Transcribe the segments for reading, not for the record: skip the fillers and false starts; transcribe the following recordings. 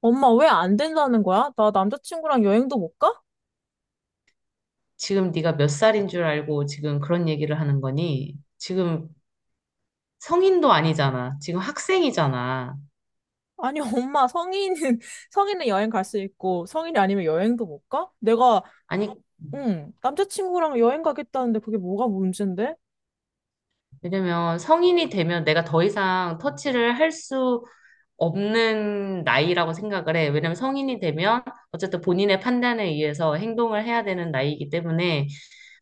엄마 왜 안 된다는 거야? 나 남자친구랑 여행도 못 가? 지금 네가 몇 살인 줄 알고 지금 그런 얘기를 하는 거니? 지금 성인도 아니잖아. 지금 학생이잖아. 아니, 엄마 성인은, 성인은 여행 갈 수 있고, 성인이 아니면 여행도 못 가? 내가, 아니, 응, 남자친구랑 여행 가겠다는데 그게 뭐가 문제인데? 왜냐면 성인이 되면 내가 더 이상 터치를 할 수 없는 나이라고 생각을 해. 왜냐면 성인이 되면 어쨌든 본인의 판단에 의해서 행동을 해야 되는 나이이기 때문에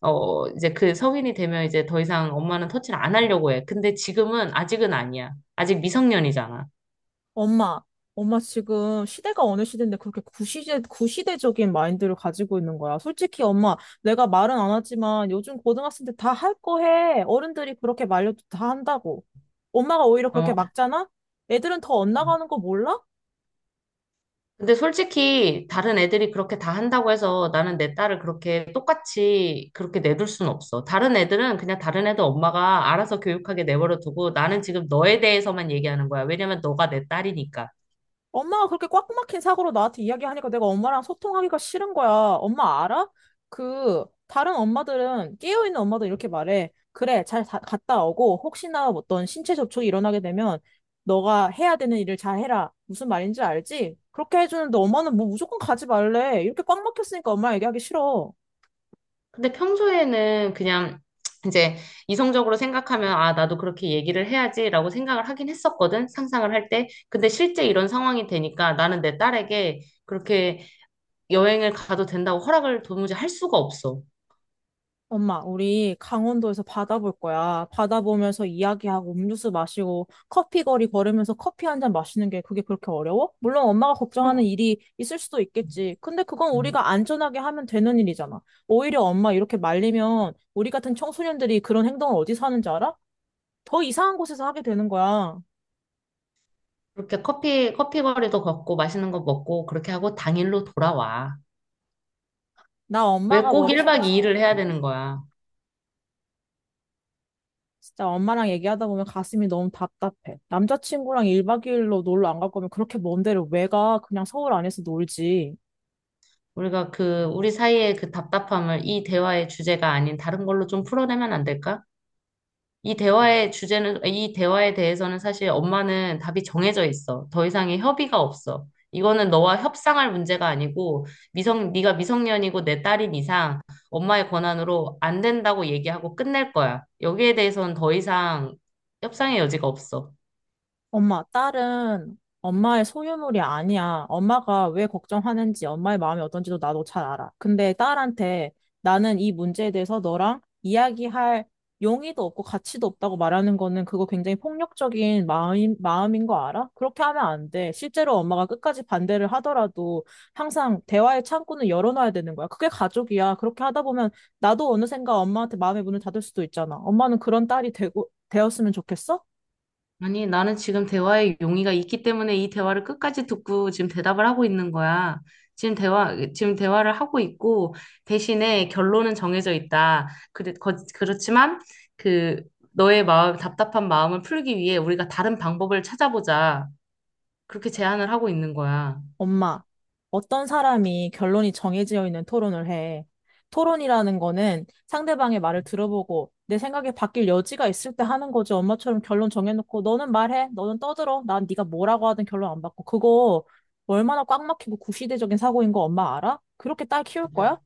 이제 그 성인이 되면 이제 더 이상 엄마는 터치를 안 하려고 해. 근데 지금은 아직은 아니야. 아직 미성년이잖아. 엄마, 엄마 지금 시대가 어느 시대인데 그렇게 구시대적인 마인드를 가지고 있는 거야. 솔직히 엄마, 내가 말은 안 하지만 요즘 고등학생들 다 할 거 해. 어른들이 그렇게 말려도 다 한다고. 엄마가 오히려 그렇게 어, 막잖아? 애들은 더 엇나가는 거 몰라? 근데 솔직히 다른 애들이 그렇게 다 한다고 해서 나는 내 딸을 그렇게 똑같이 그렇게 내둘 순 없어. 다른 애들은 그냥 다른 애들 엄마가 알아서 교육하게 내버려 두고 나는 지금 너에 대해서만 얘기하는 거야. 왜냐면 너가 내 딸이니까. 엄마가 그렇게 꽉 막힌 사고로 나한테 이야기하니까 내가 엄마랑 소통하기가 싫은 거야. 엄마 알아? 다른 엄마들은, 깨어있는 엄마들 이렇게 말해. 그래, 잘 갔다 오고, 혹시나 어떤 신체 접촉이 일어나게 되면, 너가 해야 되는 일을 잘 해라. 무슨 말인지 알지? 그렇게 해주는데 엄마는 뭐 무조건 가지 말래. 이렇게 꽉 막혔으니까 엄마 얘기하기 싫어. 근데 평소에는 그냥 이제 이성적으로 생각하면 아, 나도 그렇게 얘기를 해야지라고 생각을 하긴 했었거든. 상상을 할 때. 근데 실제 이런 상황이 되니까 나는 내 딸에게 그렇게 여행을 가도 된다고 허락을 도무지 할 수가 없어. 엄마, 우리 강원도에서 바다 볼 거야. 바다 보면서 이야기하고 음료수 마시고 커피 거리 걸으면서 커피 한 잔 마시는 게 그게 그렇게 어려워? 물론 엄마가 걱정하는 어, 일이 있을 수도 있겠지. 근데 그건 우리가 안전하게 하면 되는 일이잖아. 오히려 엄마 이렇게 말리면 우리 같은 청소년들이 그런 행동을 어디서 하는지 알아? 더 이상한 곳에서 하게 되는 거야. 그렇게 커피 거리도 걷고 맛있는 거 먹고 그렇게 하고 당일로 돌아와. 나 왜 엄마가 꼭 1박 머릿속에 2일을 해야 되는 거야? 진짜 엄마랑 얘기하다 보면 가슴이 너무 답답해. 남자친구랑 1박 2일로 놀러 안 갈 거면 그렇게 먼 데를 왜 가? 그냥 서울 안에서 놀지. 우리가 우리 사이의 그 답답함을 이 대화의 주제가 아닌 다른 걸로 좀 풀어내면 안 될까? 이 대화의 주제는, 이 대화에 대해서는 사실 엄마는 답이 정해져 있어. 더 이상의 협의가 없어. 이거는 너와 협상할 문제가 아니고 네가 미성년이고 내 딸인 이상 엄마의 권한으로 안 된다고 얘기하고 끝낼 거야. 여기에 대해서는 더 이상 협상의 여지가 없어. 엄마, 딸은 엄마의 소유물이 아니야. 엄마가 왜 걱정하는지, 엄마의 마음이 어떤지도 나도 잘 알아. 근데 딸한테 나는 이 문제에 대해서 너랑 이야기할 용의도 없고 가치도 없다고 말하는 거는 그거 굉장히 폭력적인 마음인 거 알아? 그렇게 하면 안 돼. 실제로 엄마가 끝까지 반대를 하더라도 항상 대화의 창구는 열어놔야 되는 거야. 그게 가족이야. 그렇게 하다 보면 나도 어느샌가 엄마한테 마음의 문을 닫을 수도 있잖아. 엄마는 그런 딸이 되었으면 좋겠어? 아니, 나는 지금 대화에 용의가 있기 때문에 이 대화를 끝까지 듣고 지금 대답을 하고 있는 거야. 지금 대화를 하고 있고, 대신에 결론은 정해져 있다. 그래, 그렇지만, 그, 너의 마음, 답답한 마음을 풀기 위해 우리가 다른 방법을 찾아보자. 그렇게 제안을 하고 있는 거야. 엄마, 어떤 사람이 결론이 정해져 있는 토론을 해. 토론이라는 거는 상대방의 말을 들어보고 내 생각이 바뀔 여지가 있을 때 하는 거지. 엄마처럼 결론 정해놓고 너는 말해, 너는 떠들어. 난 네가 뭐라고 하든 결론 안 받고. 그거 얼마나 꽉 막히고 구시대적인 사고인 거 엄마 알아? 그렇게 딸 키울 거야? 네.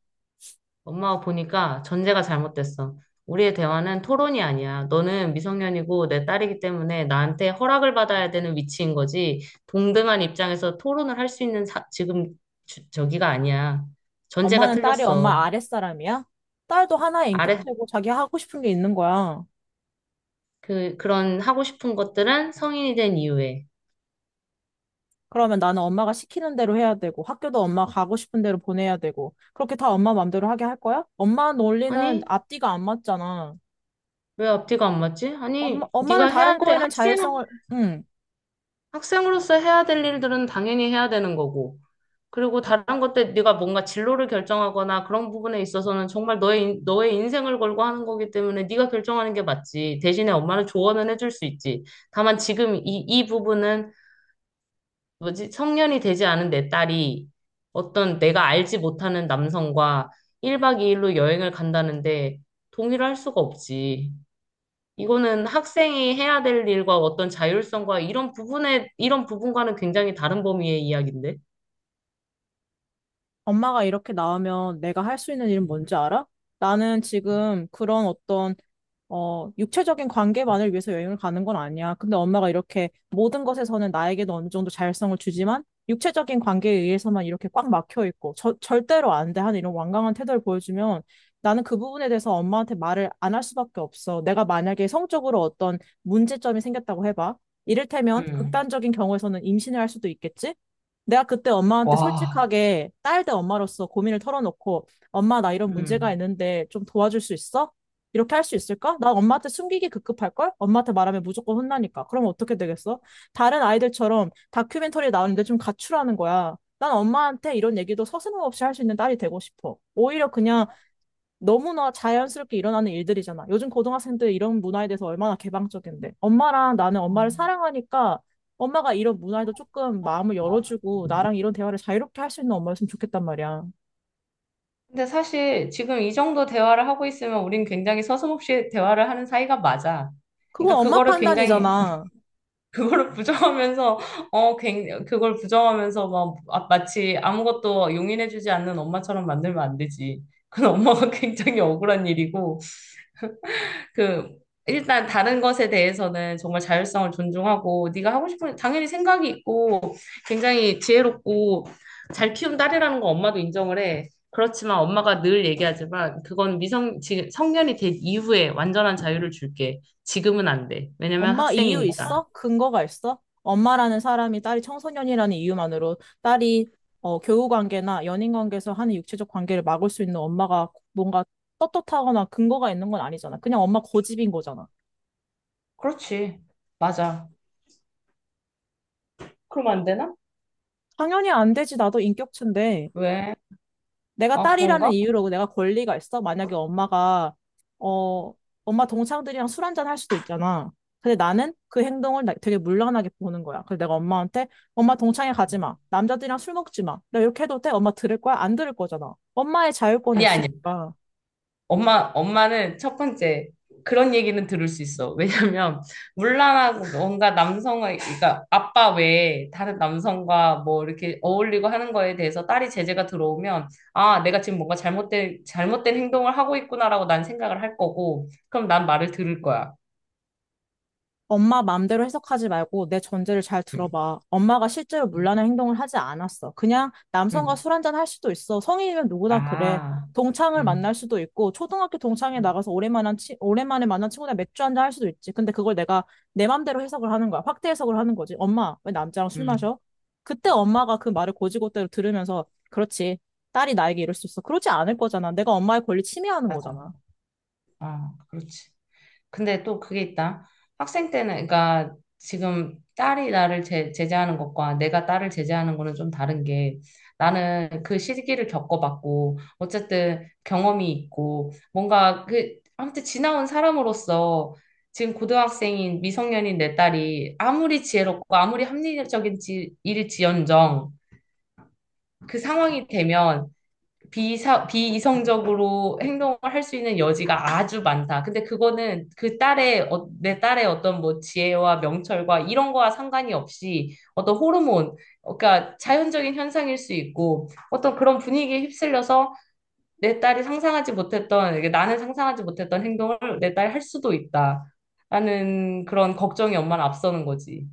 엄마가 보니까 전제가 잘못됐어. 우리의 대화는 토론이 아니야. 너는 미성년이고 내 딸이기 때문에 나한테 허락을 받아야 되는 위치인 거지. 동등한 입장에서 토론을 할 수 있는 지금 저기가 아니야. 전제가 엄마는 딸이 틀렸어. 엄마 아랫사람이야? 딸도 하나의 아래 인격체고 자기 하고 싶은 게 있는 거야. 그런 하고 싶은 것들은 성인이 된 이후에. 그러면 나는 엄마가 시키는 대로 해야 되고, 학교도 엄마 가고 싶은 대로 보내야 되고, 그렇게 다 엄마 맘대로 하게 할 거야? 엄마 논리는 아니, 앞뒤가 안 맞잖아. 왜 앞뒤가 안 맞지? 엄마, 아니, 엄마는 네가 다른 해야 돼. 거에는 자율성을, 응. 학생으로서 해야 될 일들은 당연히 해야 되는 거고. 그리고 다른 것 때 네가 뭔가 진로를 결정하거나 그런 부분에 있어서는 정말 너의 인생을 걸고 하는 거기 때문에 네가 결정하는 게 맞지. 대신에 엄마는 조언은 해줄 수 있지. 다만 지금 이 부분은 뭐지? 성년이 되지 않은 내 딸이 어떤 내가 알지 못하는 남성과 1박 2일로 여행을 간다는데 동의를 할 수가 없지. 이거는 학생이 해야 될 일과 어떤 자율성과 이런 부분과는 굉장히 다른 범위의 이야기인데. 엄마가 이렇게 나오면 내가 할 수 있는 일은 뭔지 알아? 나는 지금 그런 어떤 육체적인 관계만을 위해서 여행을 가는 건 아니야. 근데 엄마가 이렇게 모든 것에서는 나에게도 어느 정도 자율성을 주지만 육체적인 관계에 의해서만 이렇게 꽉 막혀 있고 절대로 안 돼 하는 이런 완강한 태도를 보여주면 나는 그 부분에 대해서 엄마한테 말을 안 할 수밖에 없어. 내가 만약에 성적으로 어떤 문제점이 생겼다고 해봐. 이를테면 음. 극단적인 경우에서는 임신을 할 수도 있겠지? 내가 그때 엄마한테 와. 솔직하게 딸 대 엄마로서 고민을 털어놓고 엄마 나 이런 문제가 음. 있는데 좀 도와줄 수 있어? 이렇게 할 수 있을까? 난 엄마한테 숨기기 급급할걸? 엄마한테 말하면 무조건 혼나니까. 그럼 어떻게 되겠어? 다른 아이들처럼 다큐멘터리 나오는데 좀 가출하는 거야. 난 엄마한테 이런 얘기도 서슴없이 할 수 있는 딸이 되고 싶어. 오히려 그냥 너무나 자연스럽게 일어나는 일들이잖아. 요즘 고등학생들 이런 문화에 대해서 얼마나 개방적인데. 엄마랑 나는 엄마를 사랑하니까 엄마가 이런 문화에도 조금 마음을 열어주고 나랑 이런 대화를 자유롭게 할 수 있는 엄마였으면 좋겠단 말이야. 근데 사실 지금 이 정도 대화를 하고 있으면 우린 굉장히 서슴없이 대화를 하는 사이가 맞아. 그러니까 그건 엄마 그거를 굉장히 판단이잖아. 그거를 부정하면서 그걸 부정하면서 막 아, 마치 아무것도 용인해주지 않는 엄마처럼 만들면 안 되지. 그건 엄마가 굉장히 억울한 일이고 그 일단 다른 것에 대해서는 정말 자율성을 존중하고 네가 하고 싶은 당연히 생각이 있고 굉장히 지혜롭고 잘 키운 딸이라는 거 엄마도 인정을 해. 그렇지만 엄마가 늘 얘기하지만 그건 미성 지금 성년이 된 이후에 완전한 자유를 줄게. 지금은 안 돼. 왜냐면 엄마 이유 학생이니까. 있어? 근거가 있어? 엄마라는 사람이 딸이 청소년이라는 이유만으로 딸이 교우 관계나 연인 관계에서 하는 육체적 관계를 막을 수 있는 엄마가 뭔가 떳떳하거나 근거가 있는 건 아니잖아. 그냥 엄마 고집인 거잖아. 그렇지. 맞아. 그럼 안 되나? 당연히 안 되지. 나도 인격체인데. 왜? 내가 아, 딸이라는 그런가? 이유로 내가 권리가 있어? 만약에 엄마가, 어, 엄마 동창들이랑 술 한잔 할 수도 있잖아. 근데 나는 그 행동을 되게 물란하게 보는 거야. 그래서 내가 엄마한테, 엄마 동창회 가지 마. 남자들이랑 술 먹지 마. 내가 이렇게 해도 돼? 엄마 들을 거야? 안 들을 거잖아. 엄마의 자율권이 아니야, 아니야. 있으니까. 엄마는 첫 번째, 그런 얘기는 들을 수 있어. 왜냐면, 물란하고 뭔가 남성의, 그러니까 아빠 외에 다른 남성과 뭐 이렇게 어울리고 하는 거에 대해서 딸이 제재가 들어오면, 아, 내가 지금 뭔가 잘못된 행동을 하고 있구나라고 난 생각을 할 거고, 그럼 난 말을 들을 거야. 엄마 마음대로 해석하지 말고 내 전제를 잘 음, 들어봐. 엄마가 실제로 음, 문란한 행동을 하지 않았어. 그냥 남성과 음. 술 한잔 할 수도 있어. 성인이면 누구나 그래. 아, 동창을 만날 음, 수도 있고, 초등학교 동창회 음, 나가서 오랜만에 만난 친구랑 맥주 한잔 할 수도 있지. 근데 그걸 내가 내 맘대로 해석을 하는 거야. 확대 해석을 하는 거지. 엄마, 왜 남자랑 술 음. 마셔? 그때 엄마가 그 말을 곧이곧대로 들으면서, 그렇지. 딸이 나에게 이럴 수 있어. 그러지 않을 거잖아. 내가 엄마의 권리 침해하는 맞아. 거잖아. 아, 그렇지. 근데 또 그게 있다. 학생 때는, 그러니까 지금 딸이 나를 제재하는 것과 내가 딸을 제재하는 거는 좀 다른 게 나는 그 시기를 겪어봤고, 어쨌든 경험이 있고, 뭔가 아무튼 지나온 사람으로서 지금 고등학생인 미성년인 내 딸이 아무리 지혜롭고 아무리 합리적인 일일지언정 그 상황이 되면 비이성적으로 행동을 할 수 있는 여지가 아주 많다. 근데 그거는 그 딸의, 어, 내 딸의 어떤 뭐 지혜와 명철과 이런 거와 상관이 없이 어떤 호르몬, 그러니까 자연적인 현상일 수 있고 어떤 그런 분위기에 휩쓸려서 내 딸이 상상하지 못했던, 이게 나는 상상하지 못했던 행동을 내 딸이 할 수도 있다. 라는 그런 걱정이 엄마를 앞서는 거지.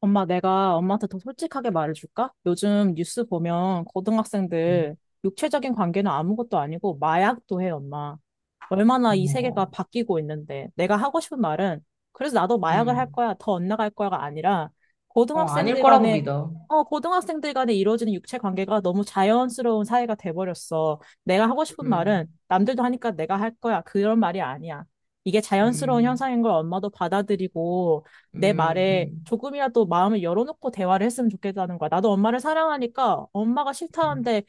엄마, 내가 엄마한테 더 솔직하게 말해줄까? 요즘 뉴스 보면 음, 고등학생들 육체적인 관계는 아무것도 아니고 마약도 해, 엄마. 얼마나 이 세계가 어머, 바뀌고 있는데. 내가 하고 싶은 말은, 그래서 나도 마약을 할 음, 거야, 더 엇나갈 거야가 아니라, 아닐 고등학생들 거라고 간에, 믿어. 고등학생들 간에 이루어지는 육체 관계가 너무 자연스러운 사회가 돼버렸어. 내가 하고 싶은 말은, 음, 남들도 하니까 내가 할 거야. 그런 말이 아니야. 이게 자연스러운 음, 현상인 걸 엄마도 받아들이고, 내 음, 말에 음. 조금이라도 마음을 열어놓고 대화를 했으면 좋겠다는 거야. 나도 엄마를 사랑하니까 엄마가 음. 싫다는데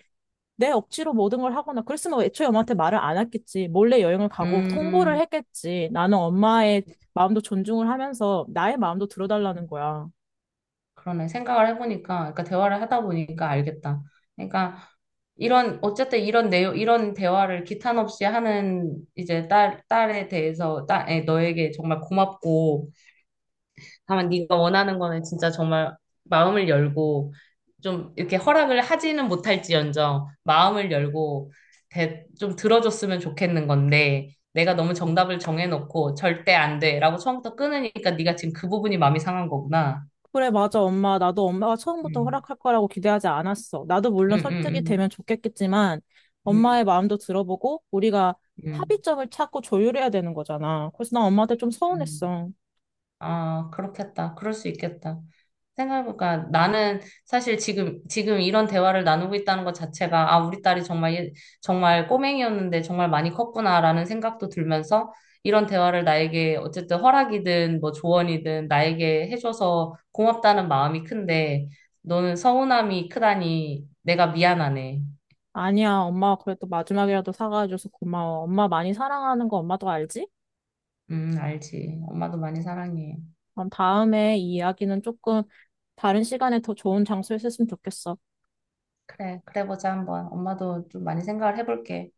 내 억지로 모든 걸 하거나 그랬으면 애초에 엄마한테 말을 안 했겠지. 몰래 여행을 가고 통보를 음, 했겠지. 나는 엄마의 마음도 존중을 하면서 나의 마음도 들어달라는 거야. 그러네. 생각을 해보니까, 그러니까 대화를 하다 보니까 알겠다. 그러니까 이런, 어쨌든 이런 내용, 이런 대화를 기탄 없이 하는 이제 딸, 딸에 대해서, 딸, 에, 너에게 정말 고맙고, 다만 네가 원하는 거는 진짜 정말 마음을 열고, 좀 이렇게 허락을 하지는 못할지언정 마음을 열고 좀 들어줬으면 좋겠는 건데, 내가 너무 정답을 정해놓고 절대 안 돼라고 처음부터 끊으니까 네가 지금 그 부분이 마음이 상한 거구나. 그래, 맞아, 엄마. 나도 엄마가 처음부터 음. 허락할 거라고 기대하지 않았어. 나도 음, 물론 설득이 음, 되면 좋겠겠지만 엄마의 음, 마음도 들어보고 우리가 음, 음. 합의점을 찾고 조율해야 되는 거잖아. 그래서 난 엄마한테 좀 음. 서운했어. 아, 그렇겠다. 그럴 수 있겠다. 생각해보니까 나는 사실 지금 이런 대화를 나누고 있다는 것 자체가, 아, 우리 딸이 정말, 정말 꼬맹이였는데 정말 많이 컸구나라는 생각도 들면서 이런 대화를 나에게 어쨌든 허락이든 뭐 조언이든 나에게 해줘서 고맙다는 마음이 큰데 너는 서운함이 크다니 내가 미안하네. 아니야, 엄마가 그래도 마지막이라도 사과해줘서 고마워. 엄마 많이 사랑하는 거 엄마도 알지? 알지. 엄마도 많이 사랑해. 그럼 다음에 이 이야기는 조금 다른 시간에 더 좋은 장소에 했으면 좋겠어. 그래, 그래 보자, 한번. 엄마도 좀 많이 생각을 해볼게.